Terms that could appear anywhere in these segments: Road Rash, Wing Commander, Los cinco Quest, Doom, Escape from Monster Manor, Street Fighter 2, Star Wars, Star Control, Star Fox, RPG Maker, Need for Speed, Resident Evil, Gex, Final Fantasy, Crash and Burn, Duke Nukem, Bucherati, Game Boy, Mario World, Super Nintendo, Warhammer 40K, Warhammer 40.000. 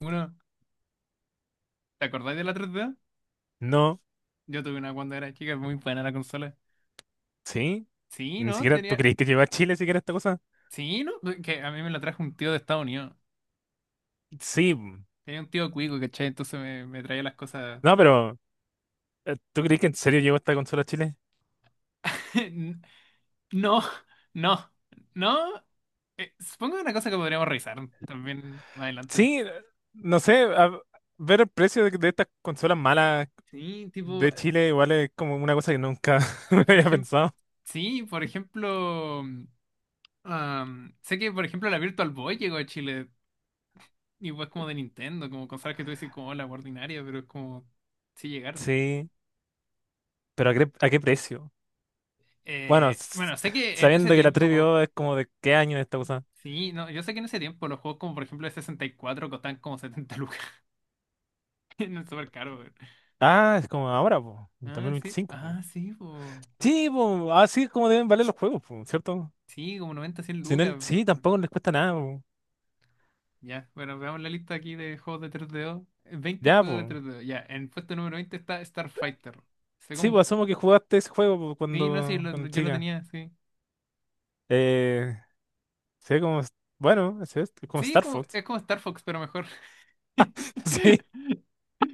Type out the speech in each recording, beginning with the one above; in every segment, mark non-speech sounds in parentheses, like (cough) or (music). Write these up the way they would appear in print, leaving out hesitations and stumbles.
Uno, ¿te acordáis de la 3D? No, Yo tuve una cuando era chica, muy buena la consola. sí. Sí, Ni ¿no? siquiera, ¿tú Tenía. crees que llegó a Chile siquiera esta cosa? Sí, ¿no? Pues, que a mí me la trajo un tío de Estados Unidos. Sí. Mm. Tenía un tío cuico, ¿cachai? Entonces me traía las cosas. No, pero ¿tú crees que en serio llegó esta consola a Chile? (laughs) N- No, no, no. Supongo que una cosa que podríamos revisar también más adelante. Sí, no sé, ver el precio de estas consolas malas Sí, tipo, de Chile igual es como una cosa que nunca (laughs) me por había ejemplo. pensado. Sí, por ejemplo. Sé que, por ejemplo, la Virtual Boy llegó a Chile. Y es como de Nintendo, como cosas que tú decís como la ordinaria, pero es como. Sí llegaron. Sí, pero ¿a qué precio? Bueno, Bueno, sé que en ese sabiendo que la tiempo, 3DO es como de qué año esta cosa. sí, no, yo sé que en ese tiempo los juegos como por ejemplo el 64 costaban como 70 lucas (laughs) en el supercaro. Ah, es como ahora, po, en dos Ah, mil sí, veinticinco, po. ah, sí, po. Sí, po, así es como deben valer los juegos, po, ¿cierto? Sí, como 90 100 Sin él, lucas. sí, Bueno, tampoco les cuesta nada, po. ya, bueno, veamos la lista aquí de juegos de 3DO. 20 Ya, juegos po. de 3DO, ya, en puesto número 20 está Starfighter. Sé Sí, como, pues asumo que jugaste ese juego pues, sí, no sé, sí, cuando, cuando yo lo chica. tenía, sí. Eh, se ve como, bueno, se ve como Sí, es Star como, Fox. es como Star Fox, pero mejor. (laughs) Sí, (laughs)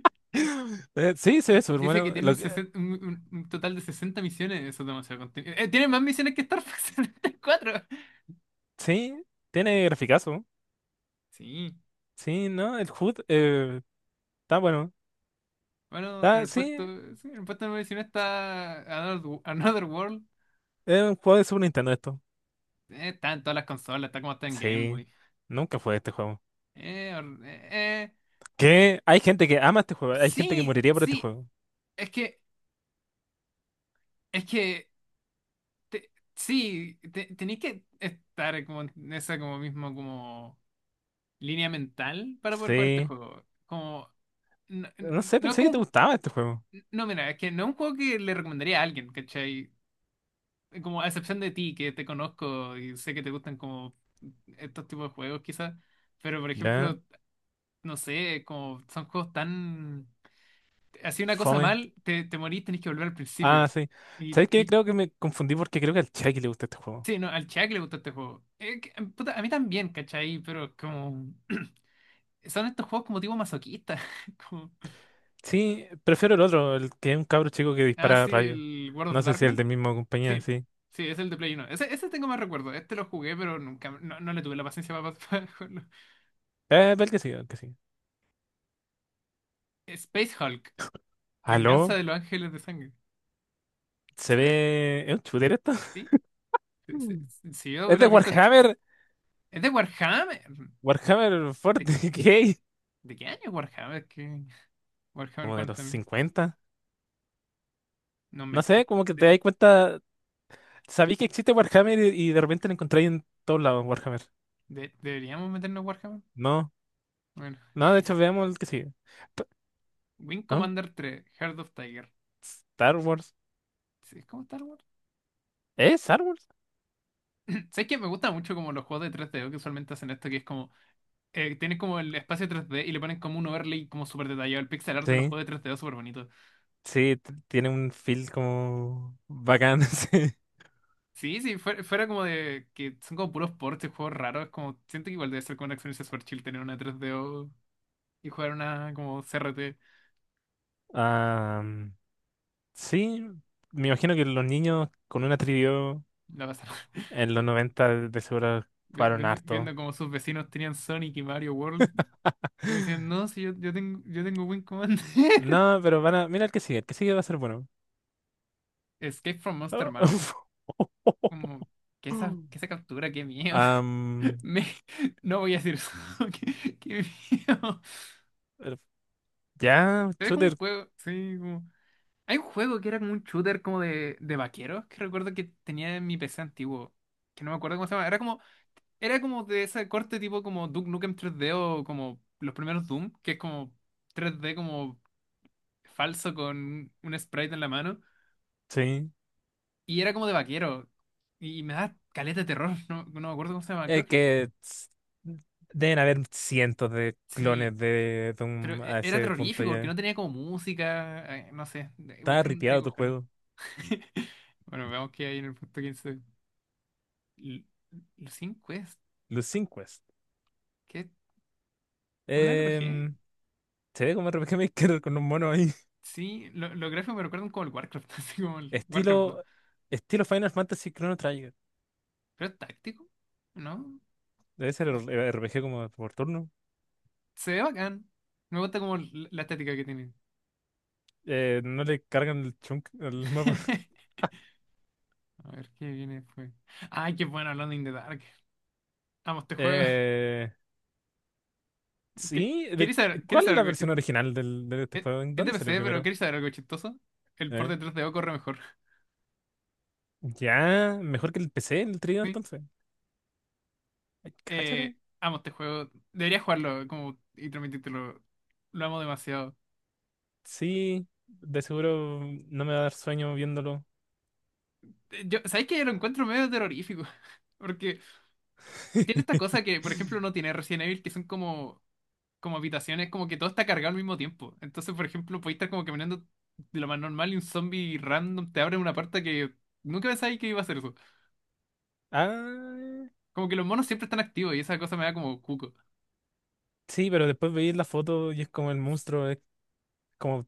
Sí, se ve súper Dice que bueno. tiene Lo que, 60 un total de 60 misiones. Eso es demasiado contenido. Tiene más misiones que Star Fox 74. sí, tiene graficazo. Sí. Sí, ¿no? El HUD está bueno. Bueno, en Está, el sí, puesto, sí, en el puesto número 19 está Another World. es un juego de Super Nintendo esto. Está en todas las consolas, está como está en Game Sí, Boy. nunca jugué este juego. Eh, or- eh, eh, Que hay gente que ama este juego, hay gente que sí, moriría por este sí. juego. Es que, es que, sí, tenéis que estar como en esa como mismo como línea mental para poder jugar este Sí, juego. Como no, no sé, no es pensé que te como... gustaba este juego. No, mira, es que no es un juego que le recomendaría a alguien, ¿cachai? Como a excepción de ti, que te conozco y sé que te gustan como estos tipos de juegos, quizás. Pero, por Ya, ejemplo, no sé, como son juegos tan... Así una cosa fome. mal, te morís, tenés que volver al Ah, principio. sí. Y ¿Sabes qué? tenés- Creo que me confundí porque creo que al Chucky le gusta este juego. Sí, no, al Chuck le gusta este juego. Puta, a mí también, ¿cachai? Pero como... (clears throat) Son estos juegos como tipo masoquista. (laughs) Como... Sí, prefiero el otro, el que es un cabro chico que Ah, dispara sí, rayos. el World No of sé si el Darkness. de misma compañía, Sí, sí. sí, es el de Play uno. Ese tengo más recuerdo. Este lo jugué, pero nunca, no, no le tuve la paciencia para, (laughs) para jugarlo. El que sí, el que sí. Space Hulk, Venganza ¿Aló? de los Ángeles de Sangre. Se ve- ¿Es un shooter esto? (laughs) sí, Mm. Si yo Es de hubiera visto... Warhammer. Es de Warhammer. Warhammer ¿De qué, 40K. de qué año es Warhammer? (laughs) Warhammer Como de los 40.000. 50. No, No sé, como que te de- das cuenta. Sabí que existe Warhammer y de repente lo encontráis en todos lados, Warhammer. ¿Deberíamos meternos Warhammer? No, Bueno. no, de hecho (laughs) veamos el que sigue. P- Wing ¿No? Commander 3, Heart of Tiger. Star Wars. Sí, ¿cómo Star Wars? ¿Es Star Wars? (clears throat) ¿Sabes que me gusta mucho como los juegos de 3DO que usualmente hacen esto, que es como tienes como el espacio 3D y le ponen como un overlay como súper detallado? El pixel art de los Sí. juegos de 3D es súper bonito. Sí, tiene un feel como bacán. (laughs) Sí, Sí, sí, fuera como de que son como puros ports y juegos raros. Como, siento que igual debe ser como una experiencia súper chill tener una tres d y jugar una como CRT. ah, sí, me imagino que los niños con una trivio La pasar. (laughs) en los 90, de seguro jugaron Viendo, harto. viendo (gasps) como sus vecinos tenían Sonic y Mario World. Como (laughs) diciendo, no, si yo tengo Wing Commander. (laughs) No, pero van a. Mira el que sigue va a ser bueno. Escape from Monster Manor. Como, (laughs) que esa captura, qué miedo. Am, (laughs) Me- no voy a decir eso. (laughs) Qué miedo. eh, ya, Se ve como shooter, un juego, sí, como... Hay un juego que era como un shooter como de vaqueros, que recuerdo que tenía en mi PC antiguo, que no me acuerdo cómo se llama. Era como de ese corte tipo como Duke Nukem 3D o como los primeros Doom, que es como 3D como falso con un sprite en la mano. sí. Y era como de vaquero. Y me da caleta de terror, (laughs) no, no me acuerdo cómo se llama. Creo Es que que deben haber cientos de sí, clones de pero Doom a era ese punto terrorífico porque no ya. tenía como música, no sé, tengo Está tengo ripiado que tu buscarlo. juego. (laughs) Bueno, veamos qué hay en el punto 15. L- Los cinco Quest, Los 5. ¿qué? ¿Es un RPG? Em, se ve como RPG Maker (laughs) con un mono ahí. Sí, los gráficos me recuerdan como el Warcraft, (laughs) así como el Warcraft 2. Estilo, estilo Final Fantasy Chrono Trigger. Pero es táctico, ¿no? Debe ser el RPG como por turno. Se ve bacán. Me gusta como la estética que tiene. No le cargan el chunk al mapa. (laughs) (laughs) A ver, ¿qué viene después? Ay, qué bueno, hablando in the Dark. Amo este juego. (laughs) Eh, sí, ¿Queréis saber, queréis ¿cuál es saber la algo versión chistoso? original de este Es juego? ¿En es de dónde salió PC, pero primero? ¿queréis saber algo chistoso? El port Eh, de 3DO corre mejor. (laughs) ya, mejor que el PC, el trío Sí. entonces. Ay, cáchate. Amo este juego. Debería jugarlo como, y transmitírtelo. Lo amo demasiado. Sí, de seguro no me va a dar sueño viéndolo. Yo, ¿sabes que lo encuentro medio terrorífico? (laughs) Porque tiene esta cosa que, por ejemplo, no (laughs) tiene Resident Evil, que son como habitaciones, como que todo está cargado al mismo tiempo. Entonces, por ejemplo, podéis estar como caminando de lo más normal y un zombie random te abre una puerta que nunca pensáis que iba a hacer eso. Ah, Como que los monos siempre están activos y esa cosa me da como cuco. sí, pero después veis la foto y es como el monstruo. Como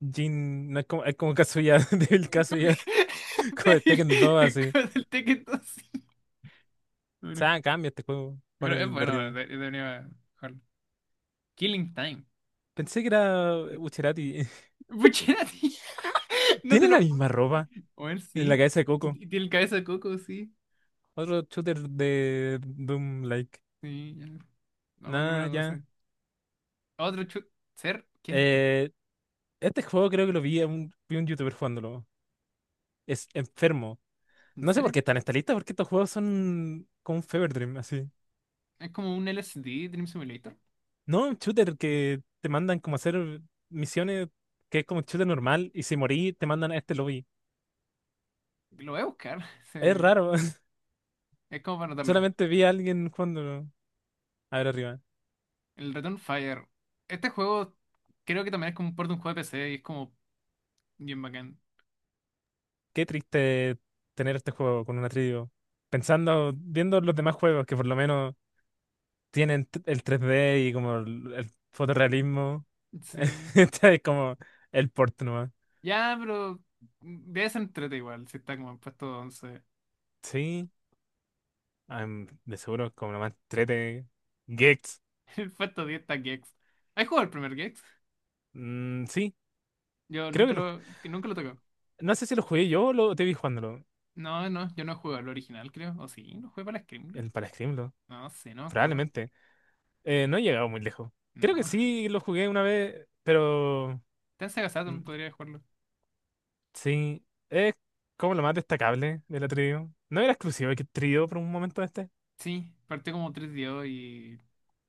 Jin, no es como, es como Kazuya, (laughs) Devil Kazuya, (laughs) como de Débil, Tekken 2, es así. como del Tekken 2. O Bueno, sea, cambia este juego, pon pero es el de bueno, arriba. Debería jugarlo. Killing Time. Pensé que era Bucherati. Puchera, (laughs) (laughs) no te Tiene la lo. misma ropa A en la sí. cabeza de Coco. Y tiene el cabeza de coco, sí. Otro shooter de Doom like. Sí, ya. Vamos al Nada, número ya. 12. Otro ser, ¿qué es esto? Eh, este juego creo que lo vi a un, vi un youtuber jugándolo. Es enfermo. ¿En No sé por serio? qué está en esta lista, porque estos juegos son como un fever dream, así. Es como un LSD Dream Simulator. No, un shooter que te mandan como a hacer misiones que es como un shooter normal y si morí te mandan a este lobby. Lo voy a buscar. (laughs) Es Sí. raro. (laughs) Es como para notarlo. Solamente vi a alguien jugándolo. A ver arriba. El Return Fire. Este juego creo que también es como un port de un juego de PC y es como bien bacán. Qué triste tener este juego con una trío. Pensando, viendo los demás juegos que por lo menos tienen el 3D y como el fotorrealismo. (laughs) Sí. Este es como el port nomás. Ya, pero debe ser entrete igual, si está como en puesto 11. Sí, de seguro es como nomás 3D. Gex. (laughs) En puesto 10 está Gex. ¿Has jugado el primer Gex? Mm, sí, Yo creo que nunca lo. lo, que nunca lo tocó. No sé si lo jugué yo o lo te vi jugándolo. No, no, yo no he jugado el original, creo. ¿O sí? ¿No jugué para la Scream? El para Screamlo. No sé, no me acuerdo. Probablemente. No he llegado muy lejos. Creo que No. sí lo jugué una vez, pero. Está en Sega mm, Saturn, podría jugarlo. Sí, es como lo más destacable de la trío. No era exclusivo que trío por un momento este. Sí, partió como 3DO y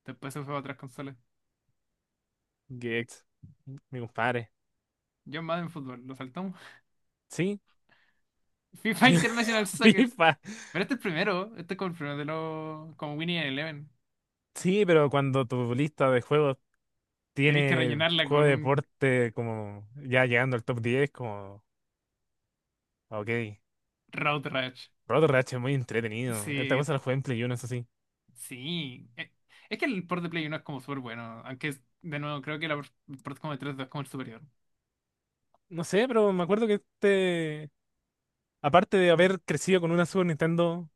después se fue a otras consolas. Gex, mi compadre. Yo más en fútbol, lo saltamos. Sí, (laughs) FIFA (laughs) International Soccer. FIFA. Pero este es el primero, este es como el primero de los... como Winnie Eleven. Sí, pero cuando tu lista de juegos Tenéis que tiene rellenarla juego con de un deporte como ya llegando al top 10 como, ok, Road Rash. Rotor Rash es muy entretenido. Esta Sí, cosa la jugué en Play 1, eso sí. sí. Es que el port de Play 1 es como súper bueno, aunque de nuevo creo que el port como de 3 es como el superior. No sé, pero me acuerdo que este, aparte de haber crecido con una Super Nintendo,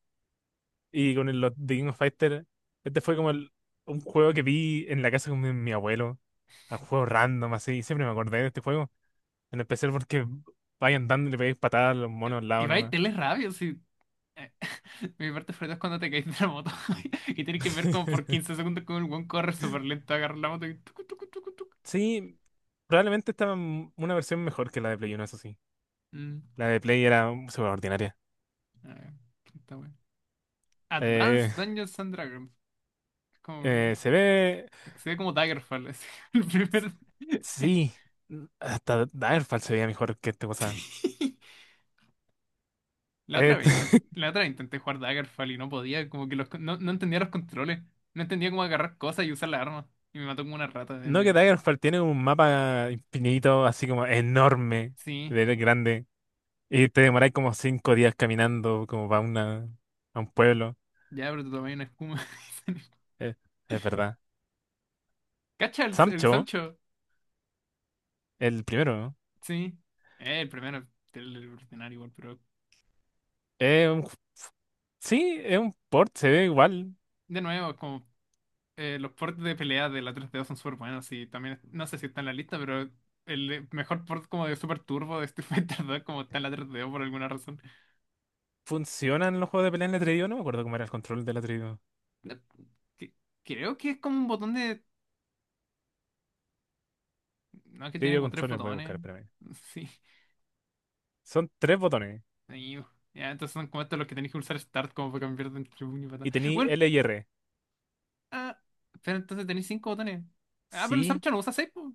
y con los The King of Fighters, este fue como un juego que vi en la casa con mi abuelo, un juego random así, siempre me acordé de este juego, en especial porque vais andando y le pegáis patadas a los monos al Y lado va y nomás. tenés rabia, sí. Eh, Mi parte favorita es cuando te caes de la moto (laughs) y tienes que ver como por (laughs) 15 segundos como el buen corre súper lento, agarra la moto y tucu, tucu, tucu, tucu. Sí, probablemente estaba una versión mejor que la de Play 1, eso sí. Mm, La de Play era súper ordinaria. a ver, está bueno. Advanced Eh, Dungeons and Dragons. Es Como, eh, se ve, Se ve como Daggerfall, así, (laughs) el primer... (laughs) sí, hasta Daggerfall se veía mejor que esta cosa. Sí. Este- (laughs) La otra vez intenté jugar Daggerfall y no podía, como que no entendía los controles. No entendía cómo agarrar cosas y usar la arma. Y me mató como una rata en no que el... Daggerfall tiene un mapa infinito, así como enorme, Sí, de grande. Y te demoráis como 5 días caminando como para una, a un pueblo. ya, pero te tomé una espuma. (laughs) Eh, es verdad. Cacha el Sancho, Sancho. el primero, ¿no? Sí, el primero del ordinario igual, pero Es un ju- sí, es un port, se ve igual. de nuevo, como los ports de pelea de la 3DO son súper buenos y también, no sé si está en la lista, pero el mejor port como de Super Turbo de Street Fighter 2 como está en la 3DO por alguna razón. Funcionan los juegos de pelea en el Atreidío. No me acuerdo cómo era el control del Atreidío. Eh, que- Creo que es como un botón de... No, que tiene Atreidío como tres controles voy a botones. buscar, espérame. (laughs) Sí, Son tres botones. ahí, ya, entonces son como estos los que tenéis que usar Start como para cambiar de entre puño y patada. Y tení Bueno, L y R. ah, pero entonces tenéis cinco botones. Ah, pero el Sí, Samcha no usa seis, po.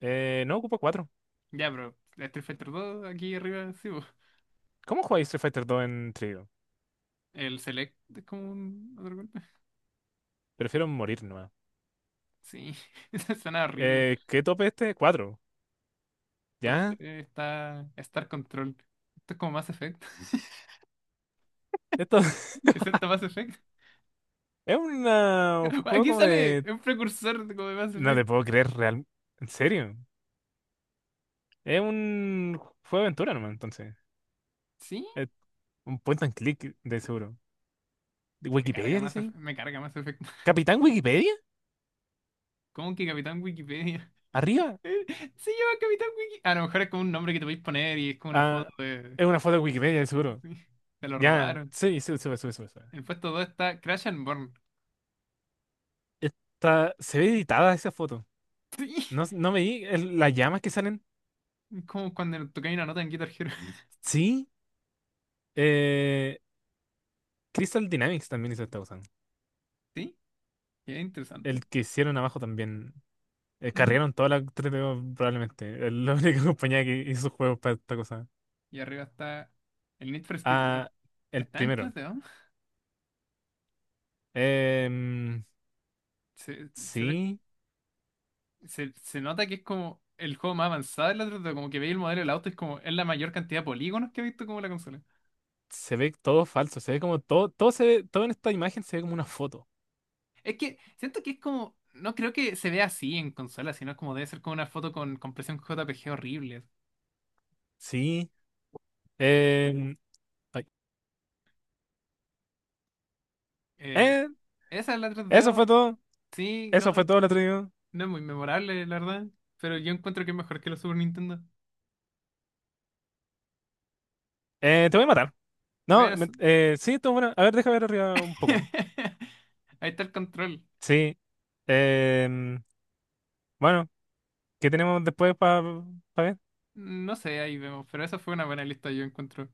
no ocupa cuatro. Ya, pero Street Fighter 2 aquí arriba, sí, po. ¿Cómo jugáis Street Fighter 2 en Atreidío? El Select es como un otro golpe. Prefiero morir nomás. Sí, (laughs) eso suena horrible. ¿Qué tope este? Cuatro. Top ¿Ya? 3 está Star Control. Esto es como Mass Effect. (laughs) Esto (laughs) ¿Excepto Mass Effect? es un (laughs) juego Aquí como sale de. un precursor de como de Mass No te Effect. puedo creer real. ¿En serio? Es un juego de aventura nomás, entonces. Sí, Es un point and click de seguro. ¿De me carga ¿Wikipedia Mass dice ahí? Effect. Me carga Mass Effect. (laughs) ¿Capitán Wikipedia? ¿Cómo que Capitán Wikipedia? (laughs) ¿Arriba? Eh, Se llama Capitán Wiki. A lo mejor es como un nombre que te podéis poner y es como una Ah, foto de. es una foto de Wikipedia de (laughs) seguro. Sí, te lo Ya, robaron. sí, sube, sube, sube, sube. Sube. En el puesto 2 está Crash and Burn. (laughs) Está, se ve editada esa foto. Sí, No, no veí las llamas que salen. como cuando tocáis una nota en Guitar Hero. Sí. Eh, Crystal Dynamics también hizo esta cosa. (laughs) Sí, es interesante. El que hicieron abajo también. Eh, Mm. cargaron toda la 3DO probablemente. Es la única (laughs) compañía que hizo juegos para esta cosa. Y arriba está el Need for Speed uno. Ah, el Está en primero. 3D, ¿no? Em, Se, se ve- sí, Se nota que es como el juego más avanzado de la 3D. Como que veis el modelo del auto, es como es la mayor cantidad de polígonos que he visto como la consola. se ve todo falso, se ve como todo, todo en esta imagen se ve como una foto. Es que siento que es como. No creo que se vea así en consola, sino como debe ser como una foto con compresión JPG horrible. Sí. em, ay, Eh, eh, Esa es la eso 3D, fue todo. sí, no, Eso fue todo lo atrevido. no es muy memorable, la verdad. Pero yo encuentro que es mejor que la Super Nintendo. Te voy a matar. Bueno, No, sí, estuvo bueno. A ver, deja ver arriba un poco. (laughs) ahí está el control. Sí. em, bueno, ¿qué tenemos después para ver? No sé, ahí vemos, pero esa fue una buena lista, yo encuentro.